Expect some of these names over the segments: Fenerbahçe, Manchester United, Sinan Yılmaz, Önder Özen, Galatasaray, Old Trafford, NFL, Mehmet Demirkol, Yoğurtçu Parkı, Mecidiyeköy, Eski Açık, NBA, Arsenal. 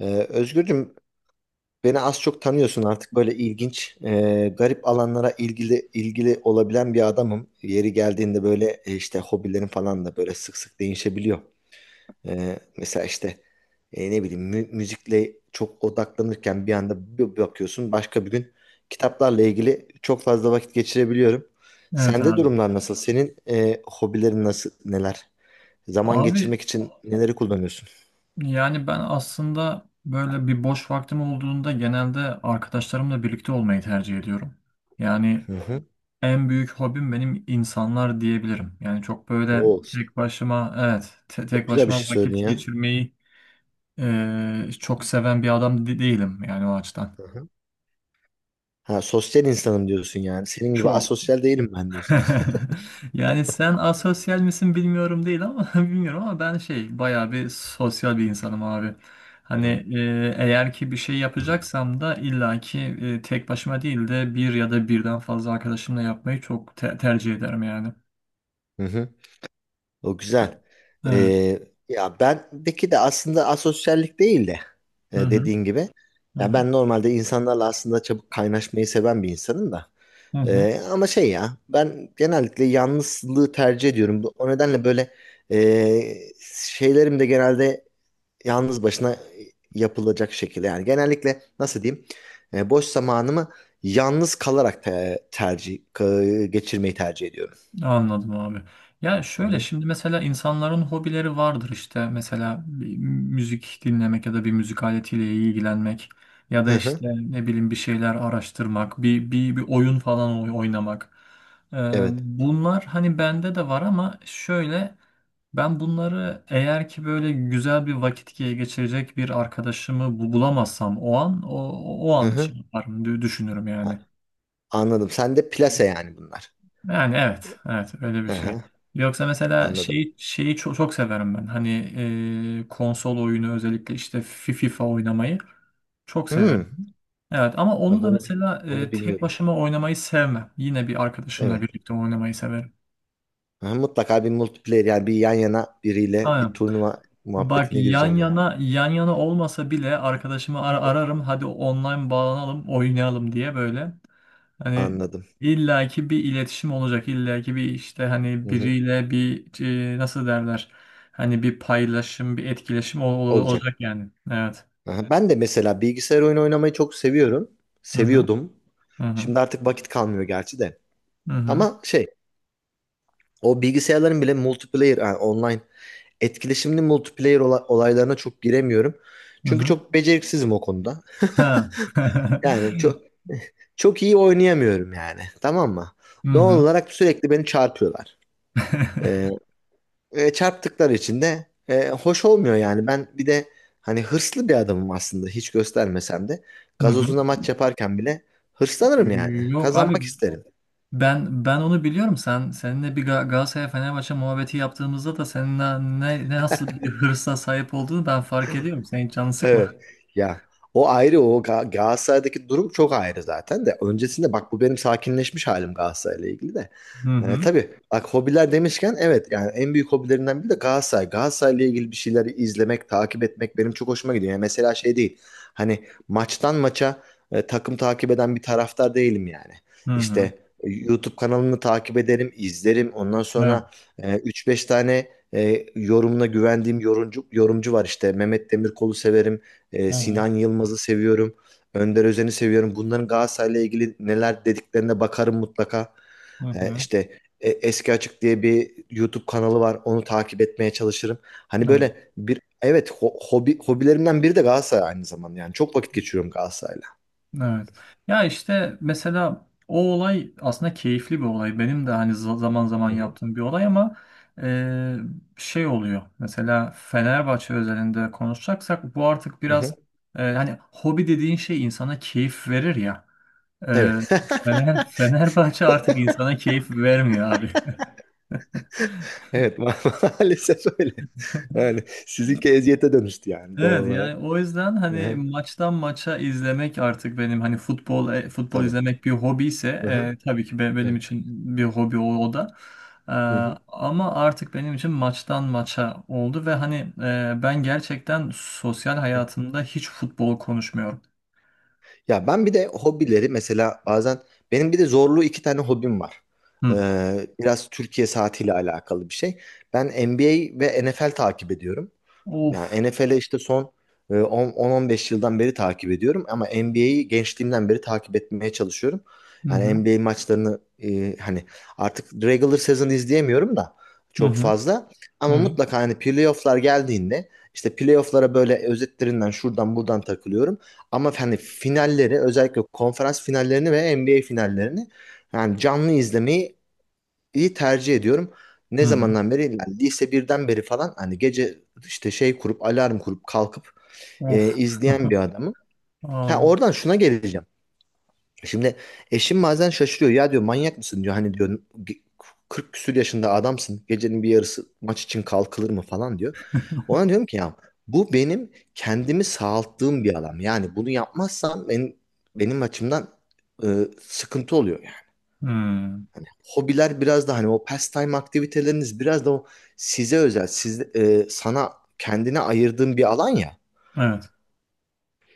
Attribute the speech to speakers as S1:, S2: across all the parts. S1: Özgürcüm, beni az çok tanıyorsun artık. Böyle ilginç, garip alanlara ilgili olabilen bir adamım. Yeri geldiğinde böyle işte hobilerim falan da böyle sık sık değişebiliyor. Mesela işte ne bileyim, müzikle çok odaklanırken bir anda bir bakıyorsun başka bir gün kitaplarla ilgili çok fazla vakit geçirebiliyorum.
S2: Evet
S1: Sende
S2: abi.
S1: durumlar nasıl? Senin hobilerin nasıl, neler? Zaman
S2: Abi
S1: geçirmek için neleri kullanıyorsun?
S2: yani ben aslında böyle bir boş vaktim olduğunda genelde arkadaşlarımla birlikte olmayı tercih ediyorum. Yani
S1: Hı hı.
S2: en büyük hobim benim insanlar diyebilirim. Yani çok böyle
S1: Oo,
S2: tek başıma, evet, tek
S1: çok güzel bir
S2: başıma
S1: şey söyledin
S2: vakit
S1: ya.
S2: geçirmeyi çok seven bir adam değilim yani o açıdan.
S1: Ha, sosyal insanım diyorsun yani. Senin gibi
S2: Çok
S1: asosyal değilim ben diyorsun.
S2: Yani sen asosyal misin bilmiyorum, değil ama bilmiyorum ama ben şey bayağı bir sosyal bir insanım abi. Hani eğer ki bir şey yapacaksam da illaki tek başıma değil de bir ya da birden fazla arkadaşımla yapmayı çok tercih ederim yani.
S1: Hı hı. O güzel.
S2: Evet.
S1: Ee, Ya, bendeki de aslında asosyallik değil de
S2: Hı hı.
S1: dediğin gibi.
S2: Hı
S1: Ya
S2: hı.
S1: ben normalde insanlarla aslında çabuk kaynaşmayı seven bir insanım da.
S2: Hı hı.
S1: Ama şey, ya ben genellikle yalnızlığı tercih ediyorum. O nedenle böyle e, şeylerim de genelde yalnız başına yapılacak şekilde, yani genellikle nasıl diyeyim, boş zamanımı yalnız kalarak geçirmeyi tercih ediyorum.
S2: Anladım abi. Ya
S1: Hı
S2: şöyle,
S1: hı.
S2: şimdi mesela insanların hobileri vardır, işte mesela bir müzik dinlemek ya da bir müzik aletiyle ilgilenmek ya da
S1: Hı hı.
S2: işte ne bileyim bir şeyler araştırmak, bir oyun falan oynamak. Ee,
S1: Evet.
S2: bunlar hani bende de var ama şöyle, ben bunları eğer ki böyle güzel bir vakit geçirecek bir arkadaşımı bulamazsam, o an o o
S1: Hı
S2: an
S1: hı.
S2: şey yaparım, düşünürüm
S1: A-
S2: yani.
S1: Anladım. Sen de plase yani bunlar.
S2: Yani evet, evet öyle bir
S1: Hı
S2: şey.
S1: hı.
S2: Yoksa mesela
S1: Anladım.
S2: şeyi çok, çok severim ben. Hani konsol oyunu özellikle işte FIFA oynamayı çok severim.
S1: Hmm.
S2: Evet ama onu
S1: Bak,
S2: da
S1: onu
S2: mesela
S1: onu
S2: tek
S1: bilmiyordum.
S2: başıma oynamayı sevmem. Yine bir arkadaşımla
S1: Evet.
S2: birlikte oynamayı severim.
S1: Ha, mutlaka bir multiplayer, yani bir yan yana biriyle bir
S2: Aynen.
S1: turnuva
S2: Bak
S1: muhabbetine
S2: yan
S1: gireceğim yani.
S2: yana, yan yana olmasa bile arkadaşımı ararım. Hadi online bağlanalım, oynayalım diye böyle. Hani
S1: Anladım.
S2: illaki bir iletişim olacak. İllaki bir işte, hani
S1: Hı hı.
S2: biriyle bir nasıl derler? Hani bir paylaşım, bir etkileşim
S1: Olacak.
S2: olacak yani. Evet.
S1: Aha, ben de mesela bilgisayar oyunu oynamayı çok seviyorum.
S2: Hı hı.
S1: Seviyordum.
S2: Hı hı.
S1: Şimdi artık vakit kalmıyor gerçi de.
S2: Hı hı.
S1: Ama şey, o bilgisayarların bile multiplayer, yani online etkileşimli multiplayer olaylarına çok giremiyorum.
S2: Hı
S1: Çünkü
S2: hı.
S1: çok beceriksizim o konuda.
S2: Ha.
S1: Yani çok çok iyi oynayamıyorum yani. Tamam mı?
S2: Hı
S1: Doğal
S2: hı.
S1: olarak sürekli beni çarpıyorlar. Ee, çarptıkları için de hoş olmuyor yani. Ben bir de hani hırslı bir adamım aslında, hiç göstermesem de.
S2: Hı hı.
S1: Gazozuna maç yaparken bile hırslanırım yani.
S2: Yok abi,
S1: Kazanmak isterim.
S2: ben onu biliyorum. Sen, seninle bir Galatasaray Fenerbahçe muhabbeti yaptığımızda da senin na- ne, ne nasıl bir hırsa sahip olduğunu ben fark ediyorum. Sen hiç canını sıkma.
S1: Evet. Ya, o ayrı, o Galatasaray'daki durum çok ayrı zaten de. Öncesinde bak, bu benim sakinleşmiş halim Galatasaray'la ilgili de.
S2: Hı
S1: Ee,
S2: hı.
S1: tabii bak, hobiler demişken, evet, yani en büyük hobilerinden biri de Galatasaray. Galatasaray'la ilgili bir şeyleri izlemek, takip etmek benim çok hoşuma gidiyor. Yani mesela şey değil. Hani maçtan maça takım takip eden bir taraftar değilim yani.
S2: Hı hı.
S1: İşte YouTube kanalını takip ederim, izlerim. Ondan
S2: Evet.
S1: sonra üç beş tane yorumuna güvendiğim yorumcu var işte. Mehmet Demirkol'u severim.
S2: Hı hı.
S1: Sinan Yılmaz'ı seviyorum. Önder Özen'i seviyorum. Bunların Galatasaray'la ilgili neler dediklerine bakarım mutlaka.
S2: Hı
S1: E,
S2: hı.
S1: işte Eski Açık diye bir YouTube kanalı var. Onu takip etmeye çalışırım. Hani
S2: Evet,
S1: böyle bir, evet, hobilerimden biri de Galatasaray aynı zamanda. Yani çok vakit geçiriyorum Galatasaray'la.
S2: evet. Ya işte mesela o olay aslında keyifli bir olay. Benim de hani zaman zaman
S1: Hı hı.
S2: yaptığım bir olay ama e, şey oluyor. Mesela Fenerbahçe özelinde konuşacaksak, bu artık
S1: Hı hı.
S2: biraz hani hobi dediğin şey insana keyif verir ya. E,
S1: Evet.
S2: Fenerbahçe artık insana keyif vermiyor abi.
S1: Evet, maalesef öyle. Yani sizinki eziyete dönüştü yani, doğal
S2: Evet,
S1: olarak.
S2: yani o yüzden
S1: Hı
S2: hani
S1: hı.
S2: maçtan maça izlemek artık benim, hani futbol, futbol
S1: Tabii.
S2: izlemek bir hobi ise
S1: Hı.
S2: tabii ki benim
S1: Evet.
S2: için bir hobi o da. E,
S1: Hı hı.
S2: ama artık benim için maçtan maça oldu ve hani ben gerçekten sosyal hayatımda hiç futbol konuşmuyorum.
S1: Ya ben bir de hobileri mesela bazen, benim bir de zorluğu, iki tane hobim var.
S2: Hı.
S1: Biraz Türkiye saatiyle alakalı bir şey. Ben NBA ve NFL takip ediyorum. Yani
S2: Of.
S1: NFL'i işte son 10 10-15 yıldan beri takip ediyorum, ama NBA'yi gençliğimden beri takip etmeye çalışıyorum.
S2: Hı
S1: Yani
S2: hı.
S1: NBA maçlarını hani artık regular season izleyemiyorum da
S2: Hı
S1: çok
S2: hı.
S1: fazla,
S2: Hı
S1: ama
S2: hı.
S1: mutlaka hani playoff'lar geldiğinde, işte playoff'lara böyle özetlerinden şuradan buradan takılıyorum. Ama hani finalleri, özellikle konferans finallerini ve NBA finallerini yani canlı izlemeyi iyi tercih ediyorum.
S2: Hı
S1: Ne
S2: hı.
S1: zamandan beri? Yani lise birden beri falan, hani gece işte şey kurup, alarm kurup kalkıp
S2: Of.
S1: izleyen bir adamım. Ha,
S2: Abi.
S1: oradan şuna geleceğim. Şimdi eşim bazen şaşırıyor. Ya, diyor, manyak mısın, diyor. Hani diyor, "ge- 40 küsür yaşında adamsın. Gecenin bir yarısı maç için kalkılır mı," falan diyor. Ona diyorum ki, ya, bu benim kendimi sağalttığım bir alan. Yani bunu yapmazsam, benim açımdan e, sıkıntı oluyor yani.
S2: Hmm.
S1: Hobiler biraz da hani o pastime aktiviteleriniz, biraz da o size özel, sana, kendine ayırdığın bir alan ya.
S2: Evet.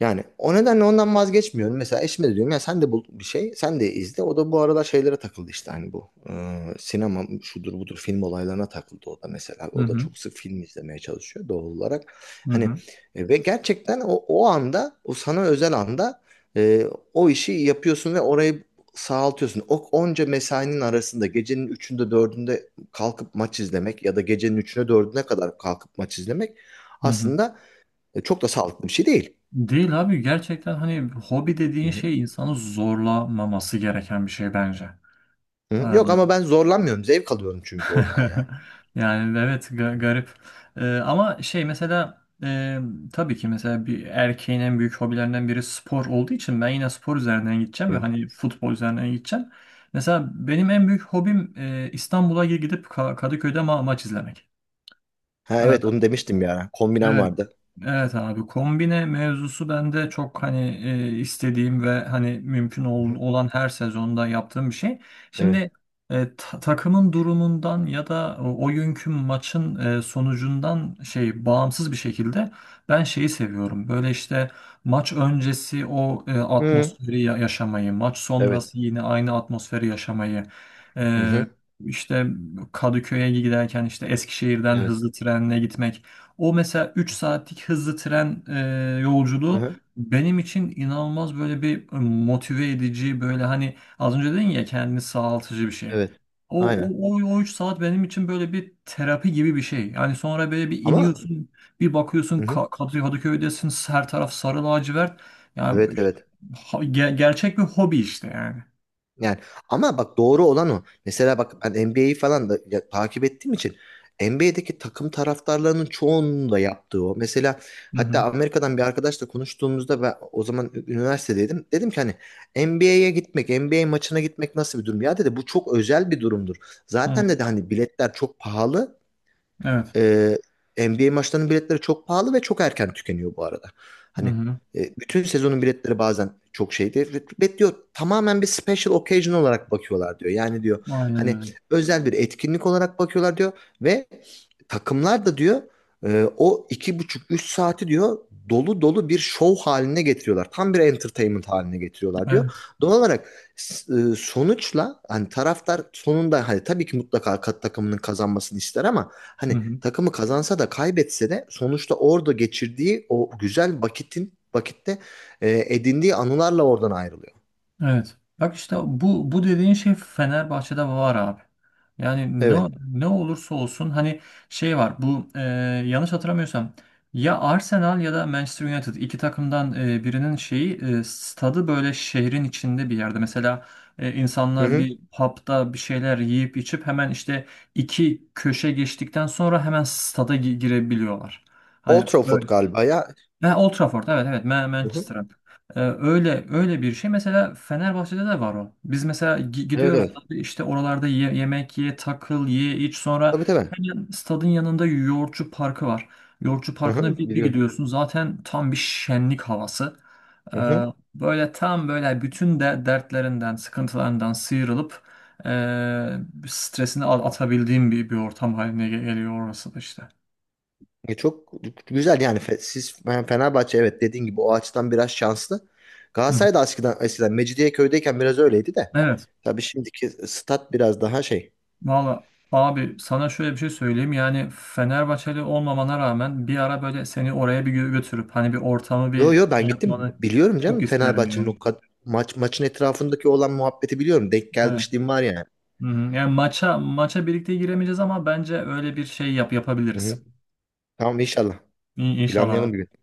S1: Yani o nedenle ondan vazgeçmiyorum. Mesela eşime de diyorum ya, sen de bul bir şey, sen de izle. O da bu aralar şeylere takıldı işte, hani bu sinema şudur budur, film olaylarına takıldı o da mesela.
S2: Hı
S1: O da
S2: hı.
S1: çok sık film izlemeye çalışıyor doğal olarak.
S2: Hı
S1: Hani
S2: hı.
S1: ve gerçekten o anda, o sana özel anda e, o işi yapıyorsun ve orayı sağaltıyorsun. O onca mesainin arasında gecenin üçünde dördünde kalkıp maç izlemek ya da gecenin üçüne dördüne kadar kalkıp maç izlemek
S2: Hı hı.
S1: aslında çok da sağlıklı bir şey değil.
S2: Değil abi, gerçekten hani hobi dediğin şey insanı zorlamaması gereken bir şey bence. Ee,
S1: Hı? Yok, ama ben zorlanmıyorum. Zevk alıyorum çünkü oradan yani.
S2: Yani evet, garip. Ama şey, mesela tabii ki mesela bir erkeğin en büyük hobilerinden biri spor olduğu için ben yine spor üzerinden gideceğim ve
S1: Hı.
S2: hani futbol üzerinden gideceğim. Mesela benim en büyük hobim İstanbul'a gidip Kadıköy'de maç izlemek.
S1: Ha, evet,
S2: Ee,
S1: onu demiştim ya. Kombinem
S2: Evet,
S1: vardı.
S2: evet abi, kombine mevzusu bende çok hani istediğim ve hani mümkün
S1: Hı-hı.
S2: olan her sezonda yaptığım bir şey.
S1: Evet.
S2: Şimdi takımın durumundan ya da o, günkü maçın sonucundan şey bağımsız bir şekilde ben şeyi seviyorum. Böyle işte maç öncesi o
S1: Hı.
S2: atmosferi yaşamayı, maç
S1: Evet.
S2: sonrası yine aynı atmosferi yaşamayı. E,
S1: Hı-hı.
S2: işte Kadıköy'e giderken işte Eskişehir'den
S1: Evet.
S2: hızlı trenle gitmek. O mesela 3 saatlik hızlı tren yolculuğu
S1: Hı-hı.
S2: benim için inanılmaz, böyle bir motive edici, böyle hani az önce dedin ya, kendini sağaltıcı bir şey.
S1: Evet.
S2: O,
S1: Aynen.
S2: o 3 saat benim için böyle bir terapi gibi bir şey. Yani sonra böyle bir
S1: Ama.
S2: iniyorsun, bir bakıyorsun
S1: Hı-hı.
S2: Kadıköy'desin, her taraf sarı lacivert. Yani
S1: Evet,
S2: işte,
S1: evet.
S2: gerçek bir hobi işte yani.
S1: Yani, ama bak, doğru olan o. Mesela bak, ben NBA'yi falan da takip ettiğim için, NBA'deki takım taraftarlarının çoğunun da yaptığı o. Mesela
S2: Hı.
S1: hatta Amerika'dan bir arkadaşla konuştuğumuzda, ben o zaman üniversitedeydim. Dedim ki hani, NBA'ye gitmek, NBA maçına gitmek nasıl bir durum? Ya, dedi, bu çok özel bir durumdur.
S2: Hı
S1: Zaten,
S2: hı.
S1: dedi, hani biletler çok pahalı.
S2: Evet.
S1: Ee, NBA maçlarının biletleri çok pahalı ve çok erken tükeniyor bu arada.
S2: Hı
S1: Hani
S2: hı.
S1: bütün sezonun biletleri bazen çok şeydi. Ve diyor, tamamen bir special occasion olarak bakıyorlar diyor. Yani, diyor,
S2: Aynen
S1: hani
S2: öyle.
S1: özel bir etkinlik olarak bakıyorlar diyor ve takımlar da diyor o iki buçuk üç saati diyor dolu dolu bir show haline getiriyorlar. Tam bir entertainment haline getiriyorlar diyor.
S2: Evet.
S1: Doğal olarak S- sonuçla hani taraftar sonunda, hani tabii ki mutlaka takımının kazanmasını ister, ama
S2: Hı
S1: hani
S2: hı.
S1: takımı kazansa da kaybetse de sonuçta orada geçirdiği o güzel vakitte edindiği anılarla oradan ayrılıyor.
S2: Evet. Bak işte bu dediğin şey Fenerbahçe'de var abi. Yani ne
S1: Evet.
S2: ne olursa olsun, hani şey var, bu yanlış hatırlamıyorsam ya Arsenal ya da Manchester United, iki takımdan birinin şeyi, stadı böyle şehrin içinde bir yerde. Mesela
S1: Hı
S2: insanlar
S1: hı.
S2: bir pub'da bir şeyler yiyip içip hemen işte iki köşe geçtikten sonra hemen stada girebiliyorlar. Hani
S1: Old
S2: böyle.
S1: Trafford galiba ya.
S2: Ha, Old Trafford, evet, evet,
S1: Hı hı.
S2: Manchester. Öyle, öyle bir şey mesela Fenerbahçe'de de var o. Biz mesela
S1: Evet,
S2: gidiyoruz
S1: evet.
S2: abi, işte oralarda yemek ye, takıl, ye, iç, sonra
S1: Tabii, tabii.
S2: hemen stadın yanında Yoğurtçu Parkı var. Yoğurtçu
S1: Hı hı.
S2: Parkı'na bir
S1: Biliyorum.
S2: gidiyorsun, zaten tam bir şenlik havası.
S1: Hı
S2: Ee,
S1: hı.
S2: böyle tam böyle bütün de dertlerinden, sıkıntılarından sıyrılıp e, stresini atabildiğin bir ortam haline geliyor orası da işte.
S1: Çok güzel yani, siz yani Fenerbahçe, evet, dediğin gibi o açıdan biraz şanslı.
S2: Hı hı.
S1: Galatasaray da eskiden Mecidiyeköy'deyken biraz öyleydi de.
S2: Evet.
S1: Tabii şimdiki stat biraz daha şey.
S2: Valla abi, sana şöyle bir şey söyleyeyim. Yani Fenerbahçeli olmamana rağmen bir ara böyle seni oraya bir götürüp hani bir ortamı
S1: Yo yo,
S2: bir şey
S1: ben gittim,
S2: yapmanı
S1: biliyorum
S2: çok
S1: canım,
S2: isterim
S1: Fenerbahçe'nin o
S2: yani.
S1: maçın etrafındaki olan muhabbeti biliyorum. Denk
S2: Evet.
S1: gelmişliğim var yani.
S2: Hı hı. Yani maça birlikte giremeyeceğiz ama bence öyle bir şey yapabiliriz.
S1: Hı-hı. Tamam, inşallah.
S2: İnşallah.
S1: Planlayalım bir gün.